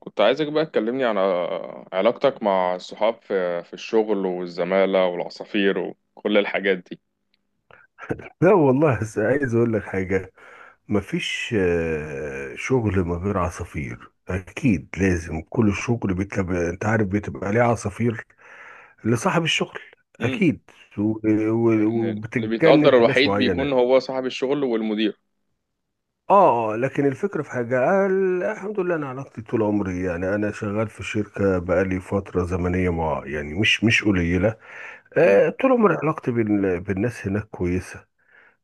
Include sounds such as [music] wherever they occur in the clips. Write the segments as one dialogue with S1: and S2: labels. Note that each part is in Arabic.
S1: كنت عايزك بقى تكلمني عن علاقتك مع الصحاب في الشغل والزمالة والعصافير وكل الحاجات دي.
S2: لا والله بس عايز اقول لك حاجة مفيش شغل من غير عصافير اكيد لازم كل شغل بيتبقى انت عارف بتبقى ليه عصافير لصاحب الشغل
S1: امم.
S2: اكيد و-
S1: اللي
S2: وبتتجند
S1: بيتقدر
S2: ناس
S1: الوحيد
S2: معينة
S1: بيكون هو صاحب الشغل والمدير.
S2: لكن الفكرة في حاجة الحمد لله انا علاقتي طول عمري يعني انا شغال في شركة بقالي فترة زمنية مع يعني مش قليلة،
S1: امم.
S2: طول عمري علاقتي بالناس هناك كويسة،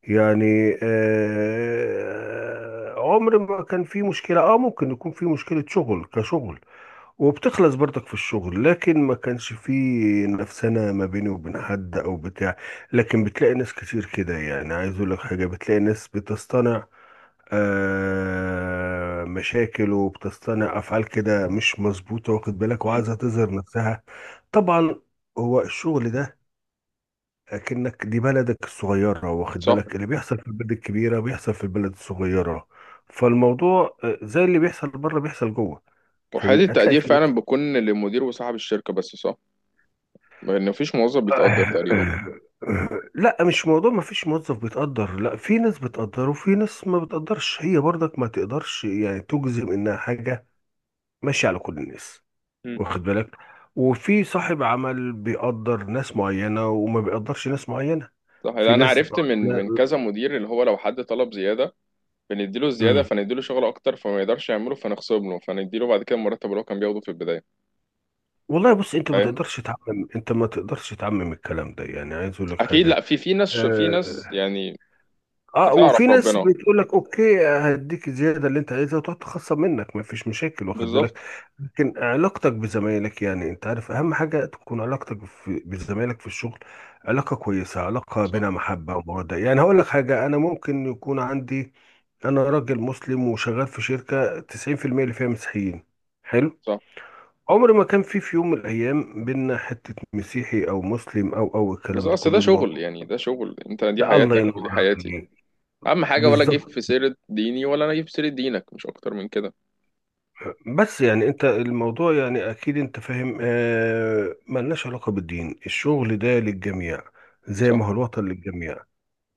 S2: يعني عمر ما كان في مشكلة، اه ممكن يكون في مشكلة شغل كشغل وبتخلص برضك في الشغل لكن ما كانش في نفسنا ما بيني وبين حد او بتاع، لكن بتلاقي ناس كتير كده، يعني عايز اقول لك حاجة، بتلاقي ناس بتصطنع مشاكل وبتصطنع افعال كده مش مظبوطة واخد بالك وعايزة
S1: أمم.
S2: تظهر نفسها. طبعا، هو الشغل ده اكنك دي بلدك الصغيرة، واخد
S1: صح.
S2: بالك، اللي بيحصل في البلد الكبيرة بيحصل في البلد الصغيرة. فالموضوع زي اللي بيحصل بره بيحصل جوه. فاهمني،
S1: وحالة
S2: هتلاقي
S1: التقدير
S2: في ناس.
S1: فعلا بيكون للمدير وصاحب الشركة، بس صح. لأن مفيش موظف بيتقدر تقريبا.
S2: [coughs] لا، مش موضوع ما فيش موظف بيتقدر، لا في ناس بتقدر وفي ناس ما بتقدرش، هي برضك ما تقدرش يعني تجزم انها حاجة ماشية على كل الناس،
S1: أمم.
S2: واخد بالك، وفي صاحب عمل بيقدر ناس معينة وما بيقدرش ناس معينة.
S1: صح. لأن
S2: في
S1: أنا
S2: ناس
S1: عرفت من كذا مدير، اللي هو لو حد طلب زيادة بنديله الزيادة،
S2: لا.
S1: فنديله شغل أكتر، فما يقدرش يعمله، فنخصم له، فنديله بعد كده المرتب اللي هو كان بياخده في البداية.
S2: والله بص، انت ما
S1: فاهم؟
S2: تقدرش تعمم، انت ما تقدرش تعمم الكلام ده، يعني عايز اقول لك
S1: اكيد،
S2: حاجه.
S1: لا، في ناس، في ناس
S2: اه،
S1: يعني.
S2: وفي
S1: بتعرف
S2: ناس
S1: ربنا.
S2: بتقول لك اوكي هديك الزياده اللي انت عايزها وتقعد تخصم منك، ما فيش مشاكل واخد
S1: بالظبط.
S2: بالك. لكن علاقتك بزمايلك، يعني انت عارف اهم حاجه تكون علاقتك في بزمايلك في الشغل علاقه كويسه، علاقه
S1: صح،
S2: بينها محبه وموده. يعني هقول لك حاجه، انا ممكن يكون عندي، انا راجل مسلم وشغال في شركه 90% اللي فيها مسيحيين. حلو،
S1: صح.
S2: عمر ما كان في يوم من الايام بينا حته مسيحي او مسلم او
S1: بس
S2: الكلام ده
S1: اصل ده
S2: كله، الموضوع
S1: شغل، يعني ده شغل، انت دي
S2: ده الله لا
S1: حياتك ودي
S2: ينور
S1: حياتي.
S2: عليك،
S1: اهم حاجه، ولا جيب
S2: بالظبط.
S1: في سيره ديني ولا انا جيب في سيره دينك، مش اكتر من كده.
S2: بس يعني انت الموضوع يعني اكيد انت فاهم، ملناش علاقه بالدين، الشغل ده للجميع، زي
S1: صح،
S2: ما هو الوطن للجميع.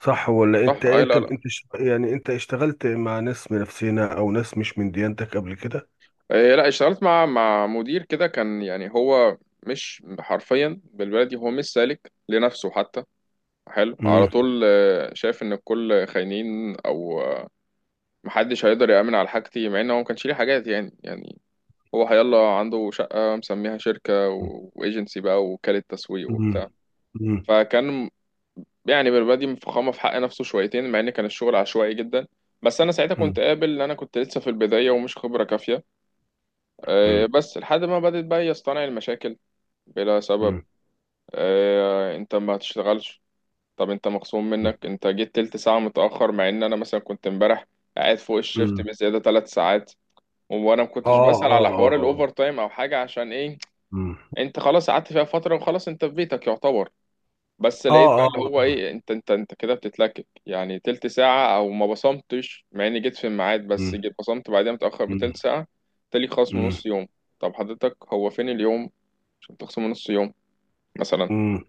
S2: صح ولا
S1: صح.
S2: انت
S1: اي،
S2: انت
S1: لا، لا.
S2: انت يعني انت اشتغلت مع ناس من نفسنا او ناس مش من ديانتك قبل كده؟
S1: إيه، لا اشتغلت مع مدير كده، كان يعني هو مش حرفيا بالبلدي، هو مش سالك لنفسه حتى. حلو، على
S2: امم،
S1: طول شايف ان الكل خاينين، او محدش هيقدر يأمن على حاجتي، مع ان هو ما كانش ليه حاجات، يعني. هو هيلا عنده شقة مسميها شركة وإيجنسي بقى، ووكالة تسويق
S2: امم،
S1: وبتاع.
S2: امم،
S1: فكان يعني بالبادي مفخمة في حق نفسه شويتين، مع إن كان الشغل عشوائي جدا. بس أنا ساعتها كنت قابل إن أنا كنت لسه في البداية ومش خبرة كافية.
S2: امم،
S1: بس لحد ما بدأت بقى يصطنع المشاكل بلا سبب.
S2: امم،
S1: أنت ما تشتغلش، طب أنت مخصوم منك، أنت جيت تلت ساعة متأخر، مع إن أنا مثلا كنت امبارح قاعد فوق الشيفت
S2: امم،
S1: بزيادة تلات ساعات، وأنا ما كنتش
S2: اه،
S1: بسأل
S2: اه،
S1: على
S2: اه،
S1: حوار الأوفر
S2: آه.
S1: تايم أو حاجة، عشان إيه؟
S2: مم.
S1: انت خلاص قعدت فيها فترة، وخلاص انت في بيتك يعتبر. بس
S2: اه،
S1: لقيت بقى
S2: اه،
S1: اللي
S2: آه،
S1: هو
S2: آه.
S1: ايه، انت كده بتتلكك يعني تلت ساعة، او ما بصمتش، مع اني جيت في الميعاد بس
S2: مم.
S1: جيت بصمت بعدين متأخر
S2: مم.
S1: بتلت ساعة. تالي خصم
S2: مم.
S1: نص يوم. طب حضرتك هو فين اليوم عشان تخصم نص يوم مثلا؟
S2: مم.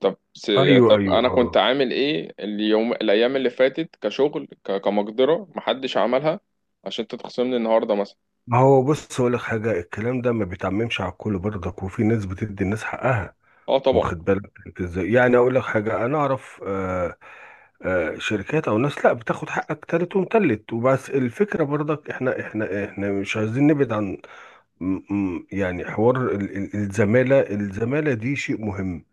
S1: طب س...
S2: ايوه،
S1: طب
S2: ايوه،
S1: انا
S2: اه، آه.
S1: كنت عامل ايه اليوم، الايام اللي فاتت كشغل، كمقدرة محدش عملها، عشان انت تخصمني النهاردة مثلا؟
S2: ما هو بص هقول لك حاجه، الكلام ده ما بيتعممش على الكل برضك، وفي ناس بتدي الناس حقها،
S1: اه، طبعا.
S2: واخد بالك انت ازاي. يعني اقول لك حاجه، انا اعرف شركات او ناس لا بتاخد حقك تالت ومتلت وبس. الفكره برضك احنا مش عايزين نبعد عن، يعني حوار الزماله دي شيء مهم.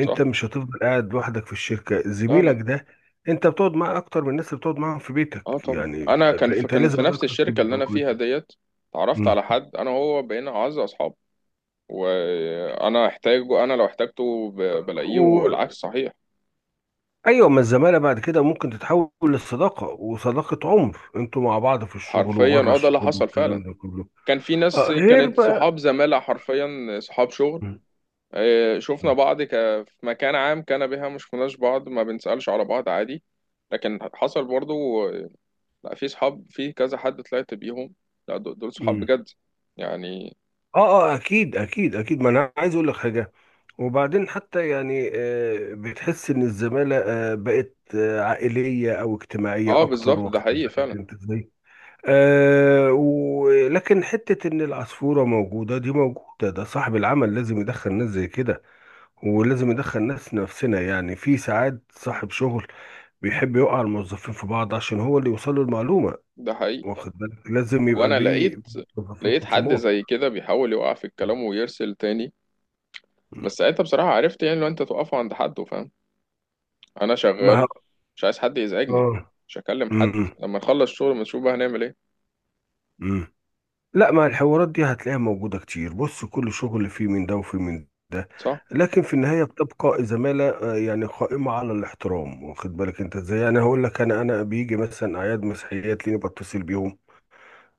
S1: صح.
S2: مش هتفضل قاعد لوحدك في الشركه،
S1: لا،
S2: زميلك
S1: لا.
S2: ده انت بتقعد معاه اكتر من الناس اللي بتقعد معاهم في بيتك،
S1: اه طبعا،
S2: يعني
S1: انا كان في
S2: فانت
S1: كان في
S2: لازم
S1: نفس
S2: علاقتك
S1: الشركه اللي
S2: تبقى
S1: انا فيها
S2: كويسه.
S1: ديت. اتعرفت
S2: مم.
S1: على حد، انا وهو بقينا اعز اصحاب. وانا احتاجه انا لو احتاجته بلاقيه،
S2: و-
S1: والعكس صحيح.
S2: ايوه، ما الزماله بعد كده ممكن تتحول للصداقه، وصداقه عمر انتوا مع بعض في الشغل
S1: حرفيا،
S2: وبره
S1: ده اللي
S2: الشغل
S1: حصل فعلا.
S2: والكلام ده كله.
S1: كان في ناس
S2: غير
S1: كانت
S2: بقى.
S1: صحاب زمالة حرفيا، صحاب شغل.
S2: مم.
S1: شفنا بعض في مكان عام، كان بها مش كناش بعض، ما بنسألش على بعض، عادي. لكن حصل برضو. آه. لا، في صحاب، في كذا حد طلعت بيهم، لا دول، دول صحاب
S2: مم.
S1: بجد يعني.
S2: اه اه اكيد اكيد اكيد، ما انا عايز اقول لك حاجه. وبعدين حتى يعني بتحس ان الزماله بقت عائليه او اجتماعيه
S1: اه،
S2: اكتر،
S1: بالظبط، ده
S2: واخد
S1: حقيقي
S2: بالك
S1: فعلا.
S2: انت ازاي. ولكن حته ان العصفوره موجوده دي موجوده، ده صاحب العمل لازم يدخل ناس زي كده، ولازم يدخل ناس نفسنا. يعني في ساعات صاحب شغل بيحب يوقع الموظفين في بعض عشان هو اللي يوصل له المعلومه،
S1: ده حقيقي.
S2: واخد بالك، لازم يبقى
S1: وانا
S2: بيه
S1: لقيت
S2: موظفين
S1: لقيت حد
S2: خصومات.
S1: زي كده بيحاول يوقع في الكلام ويرسل تاني. بس ساعتها بصراحة عرفت، يعني لو انت توقفه عند حد، فاهم؟ انا
S2: ما
S1: شغال،
S2: ه-
S1: مش عايز حد يزعجني،
S2: اه.
S1: مش هكلم حد،
S2: امم.
S1: لما نخلص شغل ما نشوف بقى هنعمل ايه.
S2: امم. لا، ما الحوارات دي هتلاقيها موجودة كتير، بص كل شغل فيه من ده وفيه من ده،
S1: صح،
S2: لكن في النهاية بتبقى زمالة يعني قائمة على الاحترام، واخد بالك انت ازاي. يعني هقول لك، انا بيجي مثلا اعياد مسيحيات ليني بتصل بيهم،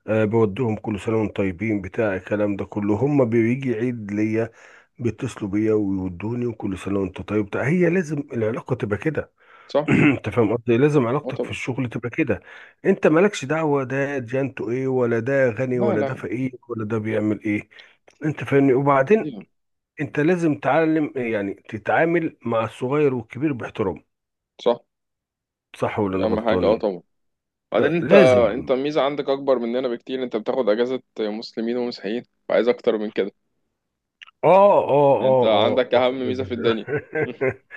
S2: أه بودهم كل سنة وانتم طيبين بتاع الكلام ده كله، هم بيجي عيد ليا بيتصلوا بيا ويودوني، وكل سنة وانت طيب بتاع، هي لازم العلاقة تبقى كده.
S1: صح.
S2: [clears throat] انت فاهم قصدي، لازم
S1: اه،
S2: علاقتك في
S1: طبعا.
S2: الشغل تبقى كده، انت مالكش دعوه ده جانته ايه، ولا ده غني،
S1: لا،
S2: ولا ده
S1: لا.
S2: فقير، ولا ده بيعمل ايه. انت فاهمني. وبعدين
S1: عادي.
S2: انت لازم تعلم يعني تتعامل مع الصغير والكبير باحترام،
S1: صح.
S2: صح ولا
S1: دي
S2: انا
S1: اهم حاجة،
S2: غلطان
S1: اه،
S2: يعني؟
S1: طبعا. بعدين انت
S2: لازم.
S1: الميزة عندك اكبر مننا بكتير، انت بتاخد اجازة مسلمين ومسيحيين، وعايز اكتر من كده. يعني انت
S2: اه
S1: عندك اهم
S2: باخد
S1: ميزة في
S2: بالك.
S1: الدنيا. [laughs]
S2: [laughs]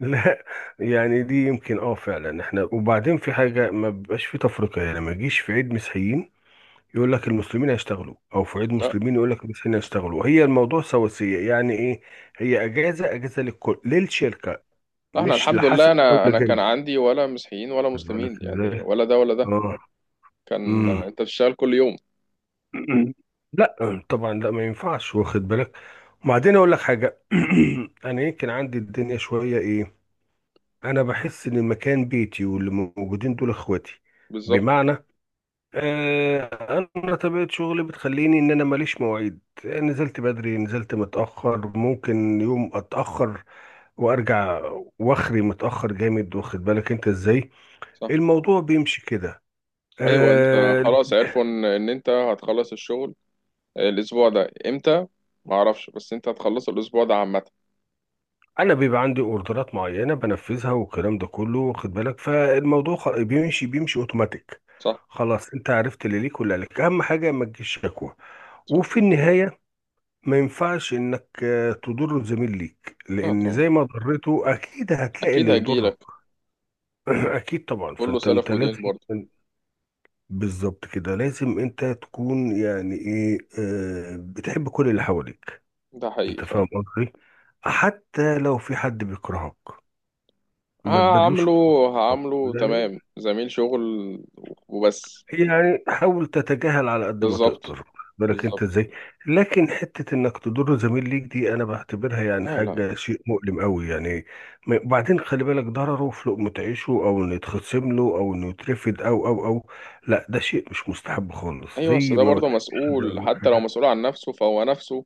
S2: لا، يعني دي يمكن اه فعلا احنا. وبعدين في حاجه ما بيبقاش في تفرقه يعني، ما يجيش في عيد مسيحيين يقول لك المسلمين هيشتغلوا، او في عيد
S1: لا،
S2: مسلمين يقول لك المسيحيين هيشتغلوا، هي الموضوع سواسية يعني ايه، هي اجازة للكل، للشركة،
S1: احنا
S2: مش
S1: الحمد لله،
S2: لحسن او
S1: انا كان
S2: لجنة،
S1: عندي ولا مسيحيين ولا
S2: واخد بالك
S1: مسلمين يعني،
S2: ازاي.
S1: ولا ده ولا ده.
S2: اه.
S1: كان
S2: امم.
S1: انت بتشتغل كل يوم.
S2: أمم. [clears throat] لا طبعا، لا ما ينفعش، واخد بالك. وبعدين اقول لك حاجة، [clears throat] انا يمكن عندي الدنيا شوية ايه، انا بحس ان المكان بيتي واللي موجودين دول اخواتي.
S1: بالظبط.
S2: بمعنى آه، انا طبيعه شغلي بتخليني ان انا ماليش مواعيد، نزلت بدري، نزلت متاخر، ممكن يوم اتاخر وارجع، واخري متاخر جامد، واخد بالك انت ازاي.
S1: صح.
S2: الموضوع بيمشي كده.
S1: ايوه، انت
S2: آه،
S1: خلاص عرفوا ان انت هتخلص الشغل الاسبوع ده امتى. ما اعرفش، بس انت هتخلصه الاسبوع ده عامه.
S2: انا بيبقى عندي اوردرات معينه بنفذها والكلام ده كله، واخد بالك، فالموضوع بيمشي اوتوماتيك.
S1: صح،
S2: خلاص، انت عرفت اللي ليك واللي عليك، اهم حاجه ما تجيش شكوى.
S1: صح.
S2: وفي النهايه، ما ينفعش انك تضر زميل ليك،
S1: لا
S2: لان زي
S1: طبعا،
S2: ما ضرته اكيد هتلاقي
S1: اكيد
S2: اللي يضرك.
S1: هجيلك.
S2: [clears throat] اكيد طبعا،
S1: كله
S2: فانت
S1: سلف ودين
S2: لازم.
S1: برضه.
S2: [clears throat] بالظبط كده، لازم انت تكون يعني ايه بتحب كل اللي حواليك.
S1: ده حقيقي
S2: انت
S1: فعلا.
S2: فاهم قصدي، حتى لو في حد بيكرهك ما تبادلوش
S1: هعمله
S2: كرهك.
S1: هعمله
S2: يعني،
S1: تمام زميل شغل وبس.
S2: يعني حاول تتجاهل على قد ما
S1: بالظبط.
S2: تقدر، بالك انت
S1: بالظبط.
S2: ازاي. لكن حتة انك تضر زميل ليك دي انا بعتبرها يعني
S1: لا، لا.
S2: حاجة شيء مؤلم قوي يعني، وبعدين خلي بالك ضرره في لقمة عيشه، او انه يتخصم له، او انه يترفد، او، لا ده شيء مش مستحب خالص،
S1: ايوه، بس
S2: زي
S1: ده
S2: ما ما
S1: برضه
S2: تحبش حد يعمل
S1: مسؤول،
S2: معاك
S1: حتى لو
S2: حاجة.
S1: مسؤول عن نفسه فهو نفسه.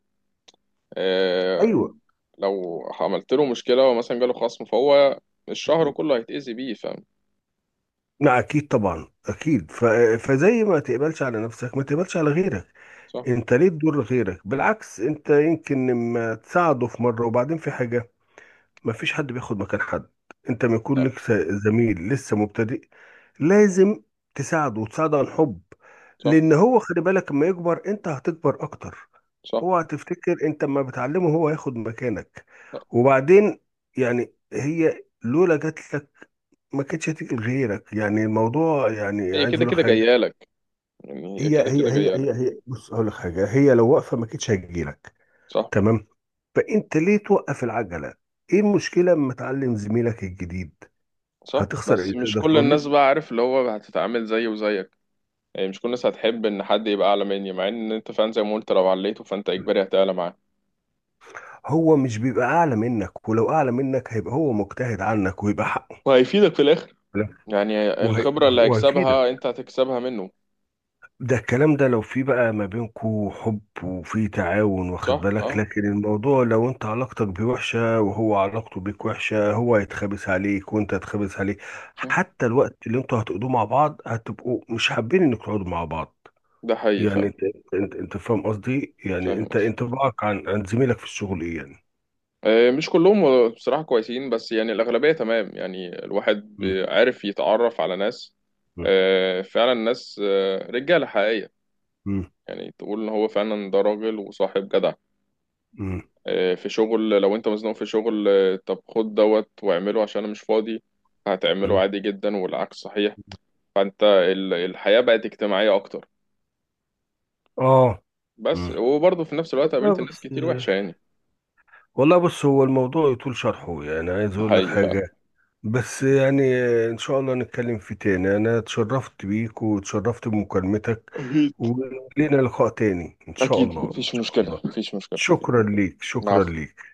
S1: آه.
S2: ايوه.
S1: لو عملت له مشكله ومثلا جاله خصم، فهو الشهر كله هيتأذي بيه، فاهم؟
S2: لا اكيد طبعا، اكيد فزي ما تقبلش على نفسك ما تقبلش على غيرك،
S1: صح.
S2: انت ليه تضر غيرك؟ بالعكس انت يمكن لما تساعده في مرة وبعدين في حاجة، مفيش حد بياخد مكان حد، انت ما
S1: لا.
S2: يكون لك زميل لسه مبتدئ لازم تساعده، وتساعده عن حب،
S1: صح،
S2: لان هو خلي بالك اما يكبر انت هتكبر اكتر،
S1: صح.
S2: اوعى تفتكر انت اما بتعلمه هو هياخد مكانك.
S1: لا.
S2: وبعدين يعني هي لولا جات لك ما كانتش هتيجي لغيرك. يعني الموضوع يعني
S1: هي
S2: عايز
S1: كده
S2: اقول لك
S1: كده
S2: حاجه،
S1: جايه لك، يعني هي
S2: هي
S1: كده
S2: هي
S1: كده
S2: هي
S1: جايه
S2: هي
S1: لك.
S2: هي بص اقول لك حاجه، هي لو واقفه ما كانتش هتجي لك،
S1: صح.
S2: تمام؟ فانت ليه توقف العجله؟ ايه المشكله اما تعلم زميلك الجديد؟
S1: صح،
S2: هتخسر ايه
S1: بس مش
S2: تقدر
S1: كل
S2: تقول
S1: الناس
S2: لي؟
S1: بقى، عارف اللي هو هتتعامل زيه وزيك، يعني مش كل الناس هتحب ان حد يبقى اعلى مني، مع ان انت فعلا زي ما قلت لو عليته فانت اجباري هتعلى معاه،
S2: هو مش بيبقى اعلى منك، ولو اعلى منك هيبقى هو مجتهد عنك ويبقى حقه.
S1: وهيفيدك في الاخر،
S2: لا.
S1: يعني الخبره اللي
S2: وهيفيدك،
S1: هيكسبها انت هتكسبها منه.
S2: ده الكلام ده لو في بقى ما بينكو حب وفي تعاون، واخد
S1: صح،
S2: بالك،
S1: اه.
S2: لكن الموضوع لو انت علاقتك بيه وحشة وهو علاقته بيك وحشة، هو هيتخابس عليك وانت هتخابس عليه،
S1: صح.
S2: حتى الوقت اللي انتوا هتقضوه مع بعض هتبقوا مش حابين انك تقعدوا مع بعض.
S1: ده حقيقي
S2: يعني
S1: فعلا.
S2: انت، انت فاهم قصدي، يعني
S1: فاهم
S2: انت
S1: قصدك.
S2: انطباعك عن زميلك في الشغل ايه يعني؟
S1: مش كلهم بصراحة كويسين، بس يعني الأغلبية تمام، يعني الواحد
S2: م-
S1: عارف يتعرف على ناس،
S2: م-
S1: فعلا ناس، رجالة حقيقية.
S2: م.
S1: يعني تقول إن هو فعلا ده راجل وصاحب جدع.
S2: مم.
S1: في شغل لو أنت مزنوق في شغل، طب خد دوت واعمله عشان أنا مش فاضي، هتعمله
S2: مم.
S1: عادي جدا، والعكس صحيح. فأنت الحياة بقت اجتماعية أكتر.
S2: اه.
S1: بس
S2: مم.
S1: وبرضه في نفس الوقت
S2: والله
S1: قابلت ناس
S2: بص
S1: كتير وحشة يعني.
S2: والله بص هو الموضوع يطول شرحه، يعني عايز
S1: ده
S2: اقول لك
S1: حقيقي فعلا.
S2: حاجة بس يعني، ان شاء الله نتكلم فيه تاني، انا اتشرفت بيك واتشرفت بمكالمتك،
S1: أكيد.
S2: ولينا لقاء تاني ان شاء
S1: أكيد،
S2: الله ان
S1: مفيش
S2: شاء
S1: مشكلة،
S2: الله.
S1: مفيش مشكلة.
S2: شكرا ليك، شكرا
S1: العفو.
S2: ليك.